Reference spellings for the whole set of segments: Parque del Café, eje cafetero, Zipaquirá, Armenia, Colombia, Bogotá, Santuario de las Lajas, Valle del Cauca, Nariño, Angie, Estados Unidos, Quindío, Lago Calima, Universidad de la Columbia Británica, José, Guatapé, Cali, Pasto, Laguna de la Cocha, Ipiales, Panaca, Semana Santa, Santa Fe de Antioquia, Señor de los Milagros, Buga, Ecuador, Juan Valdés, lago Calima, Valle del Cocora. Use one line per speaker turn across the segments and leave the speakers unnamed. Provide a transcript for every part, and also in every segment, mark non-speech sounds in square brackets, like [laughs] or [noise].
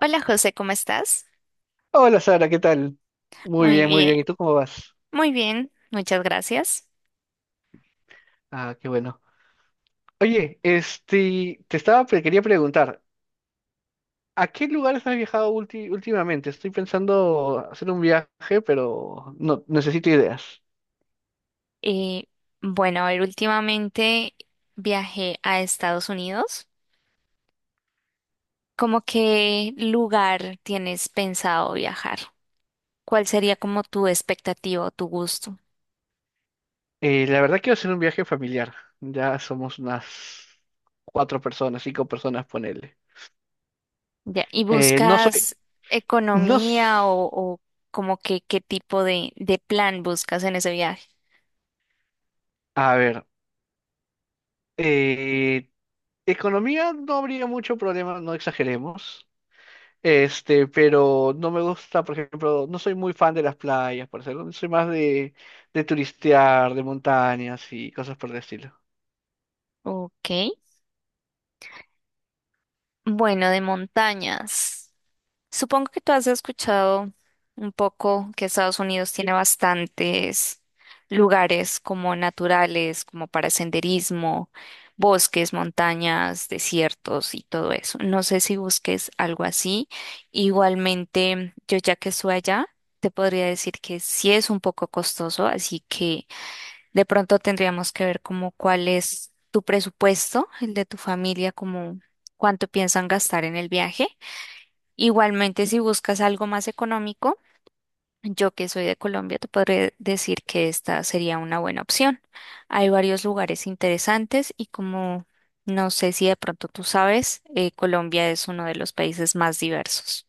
Hola José, ¿cómo estás?
Hola Sara, ¿qué tal? Muy
Muy
bien, muy bien.
bien,
¿Y tú cómo vas?
muy bien, muchas gracias.
Ah, qué bueno. Oye, este, quería preguntar, ¿a qué lugares has viajado últimamente? Estoy pensando hacer un viaje, pero no necesito ideas.
Eh, bueno, a ver, últimamente viajé a Estados Unidos. ¿Cómo qué lugar tienes pensado viajar? ¿Cuál sería como tu expectativa o tu gusto?
La verdad quiero hacer un viaje familiar. Ya somos unas cuatro personas, cinco personas, ponele.
Ya, ¿y
No soy,
buscas
no,
economía
s-
o como que qué tipo de plan buscas en ese viaje?
a ver, eh, Economía no habría mucho problema, no exageremos. Este, pero no me gusta, por ejemplo, no soy muy fan de las playas, por ejemplo, soy más de turistear, de montañas y cosas por el estilo.
Ok. Bueno, de montañas. Supongo que tú has escuchado un poco que Estados Unidos tiene bastantes lugares como naturales, como para senderismo, bosques, montañas, desiertos y todo eso. No sé si busques algo así. Igualmente, yo ya que estoy allá, te podría decir que sí es un poco costoso, así que... De pronto tendríamos que ver como cuál es tu presupuesto, el de tu familia, como cuánto piensan gastar en el viaje. Igualmente, si buscas algo más económico, yo que soy de Colombia, te podré decir que esta sería una buena opción. Hay varios lugares interesantes y como no sé si de pronto tú sabes, Colombia es uno de los países más diversos.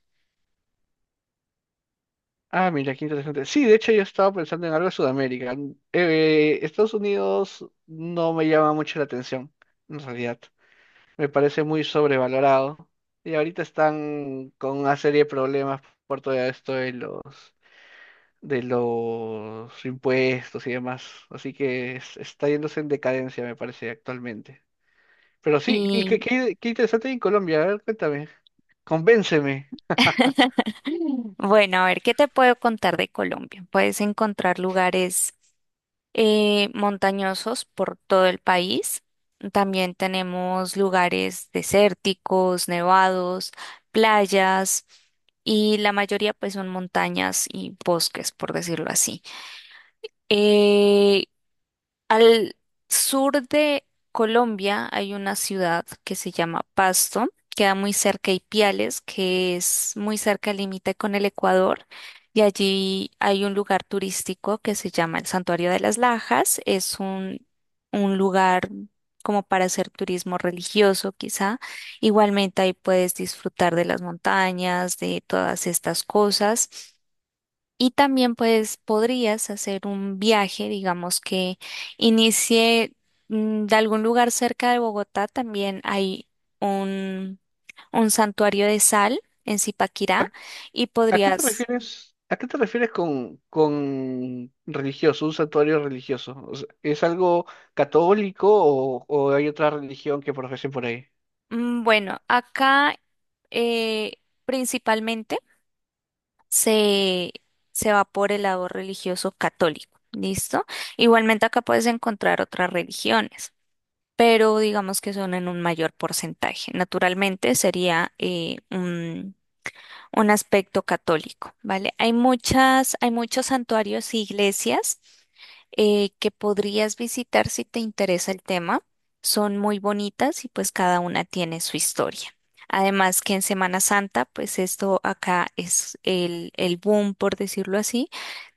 Ah, mira, qué interesante. Sí, de hecho yo estaba pensando en algo de Sudamérica. Estados Unidos no me llama mucho la atención, en realidad. Me parece muy sobrevalorado. Y ahorita están con una serie de problemas por todo esto de los impuestos y demás. Así que está yéndose en decadencia, me parece, actualmente. Pero sí, y
Y
qué interesante en Colombia. A ver, cuéntame, convénceme.
[clears throat] bueno, a ver, ¿qué te puedo contar de Colombia? Puedes encontrar lugares montañosos por todo el país. También tenemos lugares desérticos, nevados, playas y la mayoría pues son montañas y bosques, por decirlo así. Eh, Al sur de Colombia hay una ciudad que se llama Pasto, queda muy cerca de Ipiales, que es muy cerca al límite con el Ecuador, y allí hay un lugar turístico que se llama el Santuario de las Lajas, es un lugar como para hacer turismo religioso quizá, igualmente ahí puedes disfrutar de las montañas, de todas estas cosas. Y también pues podrías hacer un viaje, digamos que inicie de algún lugar cerca de Bogotá, también hay un, un santuario de sal en
¿A,
Zipaquirá y
¿A qué te
podrías,
refieres? ¿A qué te refieres con religioso, un santuario religioso? O sea, ¿es algo católico o hay otra religión que profesen por ahí?
bueno, acá eh, principalmente se, se va por el lado religioso católico, ¿listo? Igualmente acá puedes encontrar otras religiones, pero digamos que son en un mayor porcentaje. Naturalmente sería un aspecto católico, ¿vale? Hay muchas, hay muchos santuarios e iglesias que podrías visitar si te interesa el tema. Son muy bonitas y pues cada una tiene su historia. Además que en Semana Santa, pues esto acá es el boom, por decirlo así,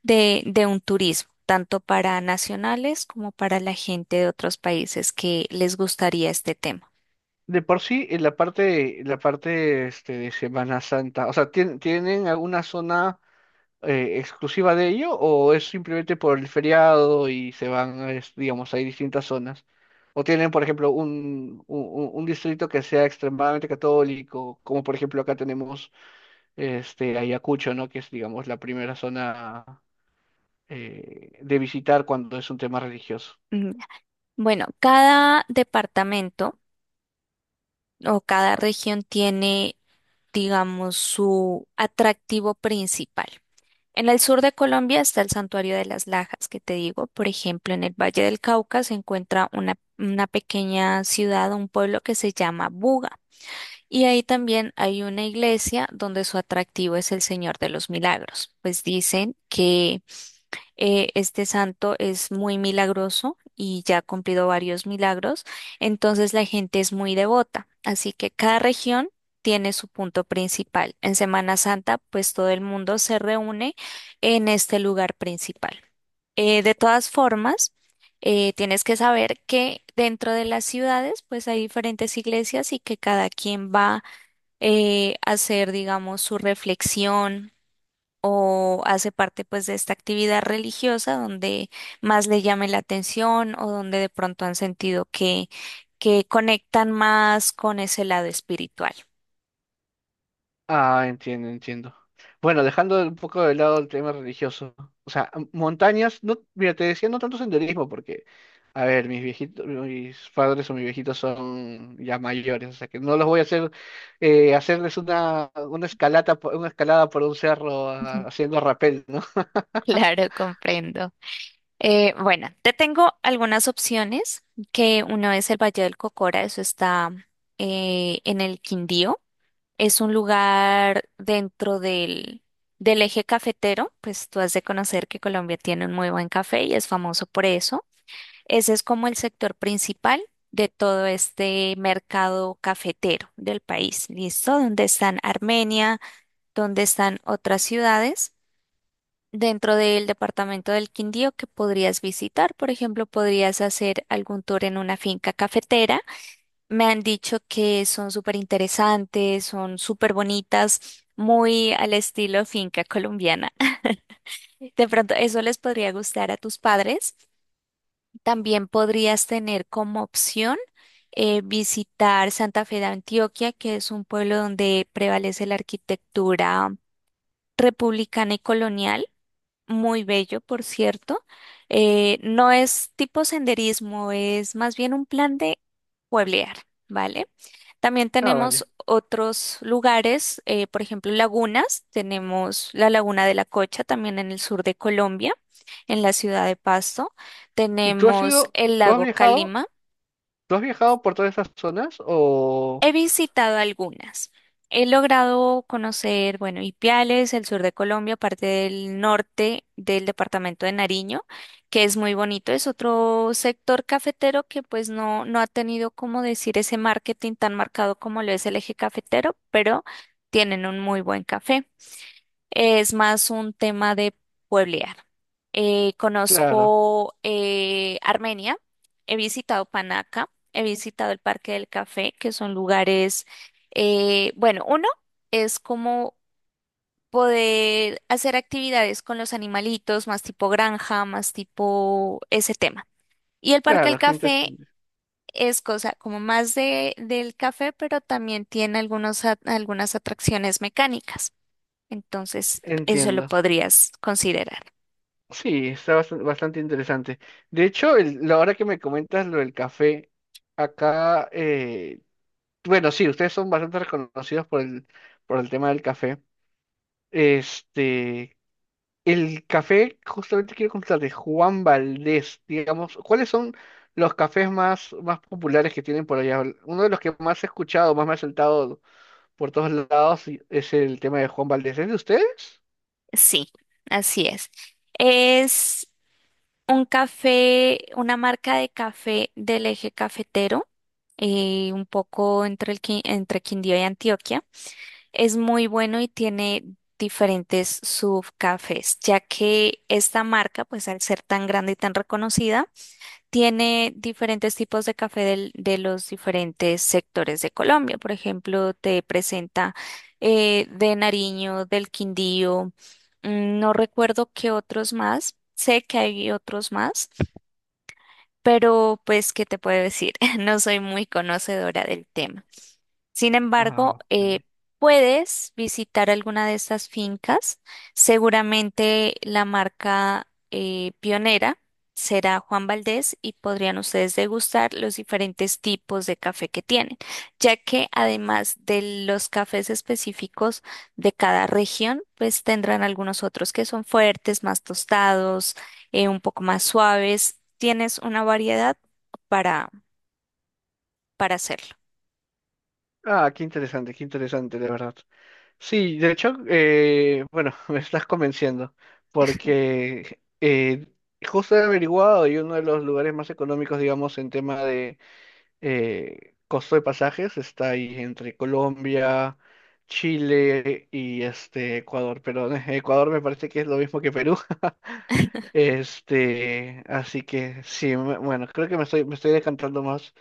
de un turismo, tanto para nacionales como para la gente de otros países que les gustaría este tema.
De por sí, en la parte este, de Semana Santa, o sea, tienen alguna zona ¿exclusiva de ello o es simplemente por el feriado y se van, digamos, hay distintas zonas? ¿O tienen, por ejemplo, un distrito que sea extremadamente católico, como por ejemplo acá tenemos este, Ayacucho, ¿no? Que es, digamos, la primera zona de visitar cuando es un tema religioso.
Mm, bueno, cada departamento o cada región tiene, digamos, su atractivo principal. En el sur de Colombia está el Santuario de las Lajas, que te digo, por ejemplo, en el Valle del Cauca se encuentra una pequeña ciudad, un pueblo que se llama Buga, y ahí también hay una iglesia donde su atractivo es el Señor de los Milagros, pues dicen que este santo es muy milagroso y ya ha cumplido varios milagros, entonces la gente es muy devota, así que cada región tiene su punto principal. En Semana Santa, pues todo el mundo se reúne en este lugar principal. De todas formas, tienes que saber que dentro de las ciudades, pues hay diferentes iglesias y que cada quien va a hacer, digamos, su reflexión o hace parte pues de esta actividad religiosa donde más le llame la atención o donde de pronto han sentido que conectan más con ese lado espiritual.
Ah, entiendo, entiendo. Bueno, dejando un poco de lado el tema religioso, o sea, montañas, no, mira, te decía no tanto senderismo, porque a ver, mis viejitos, mis padres o mis viejitos son ya mayores, o sea que no los voy a hacer hacerles una, una escalada por un cerro ah,
[laughs]
haciendo rappel, ¿no? [laughs]
Claro, comprendo. Bueno, te tengo algunas opciones, que uno es el Valle del Cocora, eso está en el Quindío, es un lugar dentro del eje cafetero, pues tú has de conocer que Colombia tiene un muy buen café y es famoso por eso. Ese es como el sector principal de todo este mercado cafetero del país, ¿listo? Donde están Armenia, donde están otras ciudades dentro del departamento del Quindío que podrías visitar. Por ejemplo, podrías hacer algún tour en una finca cafetera. Me han dicho que son súper interesantes, son súper bonitas, muy al estilo finca colombiana. [laughs] De pronto, eso les podría gustar a tus padres. También podrías tener como opción visitar Santa Fe de Antioquia, que es un pueblo donde prevalece la arquitectura republicana y colonial, muy bello, por cierto. No es tipo senderismo, es más bien un plan de pueblear, ¿vale? También
Ah,
tenemos
vale.
otros lugares, por ejemplo, lagunas. Tenemos la Laguna de la Cocha, también en el sur de Colombia, en la ciudad de Pasto.
¿Y tú has
Tenemos
ido,
el
tú has
lago
viajado,
Calima.
¿tú has viajado por todas esas zonas o...
He visitado algunas. He logrado conocer, bueno, Ipiales, el sur de Colombia, parte del norte del departamento de Nariño, que es muy bonito. Es otro sector cafetero que pues no, no ha tenido, como decir, ese marketing tan marcado como lo es el eje cafetero, pero tienen un muy buen café. Es más un tema de pueblear. Eh,
Claro,
conozco eh, Armenia, he visitado Panaca, he visitado el Parque del Café, que son lugares, bueno, uno es como poder hacer actividades con los animalitos, más tipo granja, más tipo ese tema. Y el Parque del
claro, qué inter-
Café es cosa como más del café, pero también tiene algunas atracciones mecánicas. Entonces, eso lo
entiendo.
podrías considerar.
Sí, está bastante interesante. De hecho, la hora que me comentas lo del café, acá, bueno, sí, ustedes son bastante reconocidos por el tema del café. Este, el café, justamente quiero contar de Juan Valdés, digamos, ¿cuáles son los cafés más populares que tienen por allá? Uno de los que más he escuchado, más me ha saltado por todos lados es el tema de Juan Valdés. ¿Es de ustedes?
Sí, así es. Es un café, una marca de café del eje cafetero, un poco entre entre Quindío y Antioquia. Es muy bueno y tiene diferentes subcafés, ya que esta marca, pues al ser tan grande y tan reconocida, tiene diferentes tipos de café de los diferentes sectores de Colombia. Por ejemplo, te presenta de Nariño, del Quindío, mm, no recuerdo qué otros más. Sé que hay otros más, pero pues, ¿qué te puedo decir? [laughs] No soy muy conocedora del tema. Sin
Ah,
embargo,
vale.
puedes visitar alguna de estas fincas. Seguramente la marca pionera será Juan Valdés y podrían ustedes degustar los diferentes tipos de café que tienen, ya que además de los cafés específicos de cada región, pues tendrán algunos otros que son fuertes, más tostados, un poco más suaves. Tienes una variedad para, para hacerlo.
Ah, qué interesante, de verdad. Sí, de hecho, bueno, [laughs] me estás convenciendo, porque justo he averiguado y uno de los lugares más económicos, digamos, en tema de costo de pasajes está ahí entre Colombia, Chile y este Ecuador. Pero [laughs] Ecuador me parece que es lo mismo que Perú. [laughs] Este, así que sí, bueno, creo que me estoy decantando más,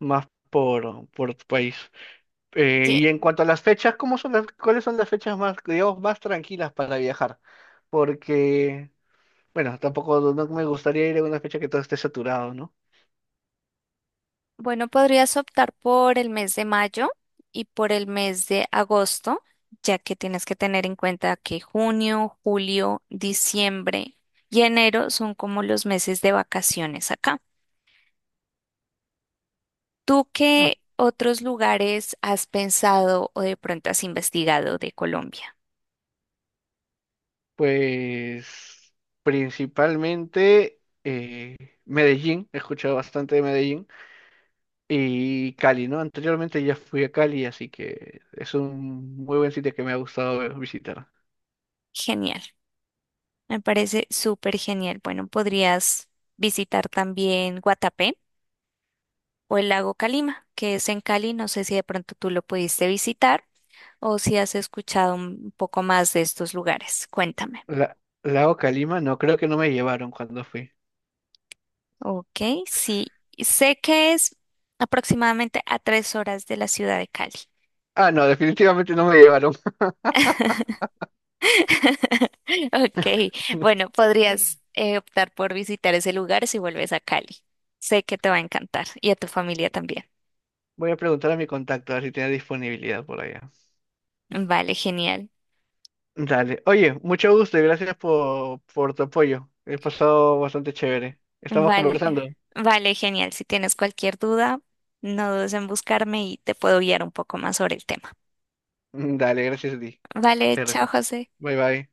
por tu país. Y en cuanto a las fechas, ¿cuáles son las fechas más, digamos, más tranquilas para viajar? Porque, bueno, tampoco no me gustaría ir en una fecha que todo esté saturado, ¿no?
Bueno, podrías optar por el mes de mayo y por el mes de agosto, ya que tienes que tener en cuenta que junio, julio, diciembre y enero son como los meses de vacaciones acá. ¿Tú qué otros lugares has pensado o de pronto has investigado de Colombia?
Pues principalmente Medellín, he escuchado bastante de Medellín y Cali, ¿no? Anteriormente ya fui a Cali, así que es un muy buen sitio que me ha gustado visitar.
Genial, me parece súper genial. Bueno, podrías visitar también Guatapé o el lago Calima, que es en Cali. No sé si de pronto tú lo pudiste visitar o si has escuchado un poco más de estos lugares. Cuéntame.
La, Lago Calima, no, creo que no me llevaron cuando fui.
Ok, sí, sé que es aproximadamente a 3 horas de la ciudad de Cali.
Ah, no, [laughs] definitivamente no me llevaron. [laughs]
[laughs] Ok, bueno, podrías optar por visitar ese lugar si vuelves a Cali. Sé que te va a encantar y a tu familia también.
Voy a preguntar a mi contacto a ver si tiene disponibilidad por allá.
Vale, genial.
Dale. Oye, mucho gusto y gracias por tu apoyo. He pasado bastante chévere. Estamos
Vale,
conversando.
vale, genial. Si tienes cualquier duda, no dudes en buscarme y te puedo guiar un poco más sobre el tema.
[laughs] Dale, gracias a ti.
Vale,
Muchas
chao,
gracias.
José.
Bye bye.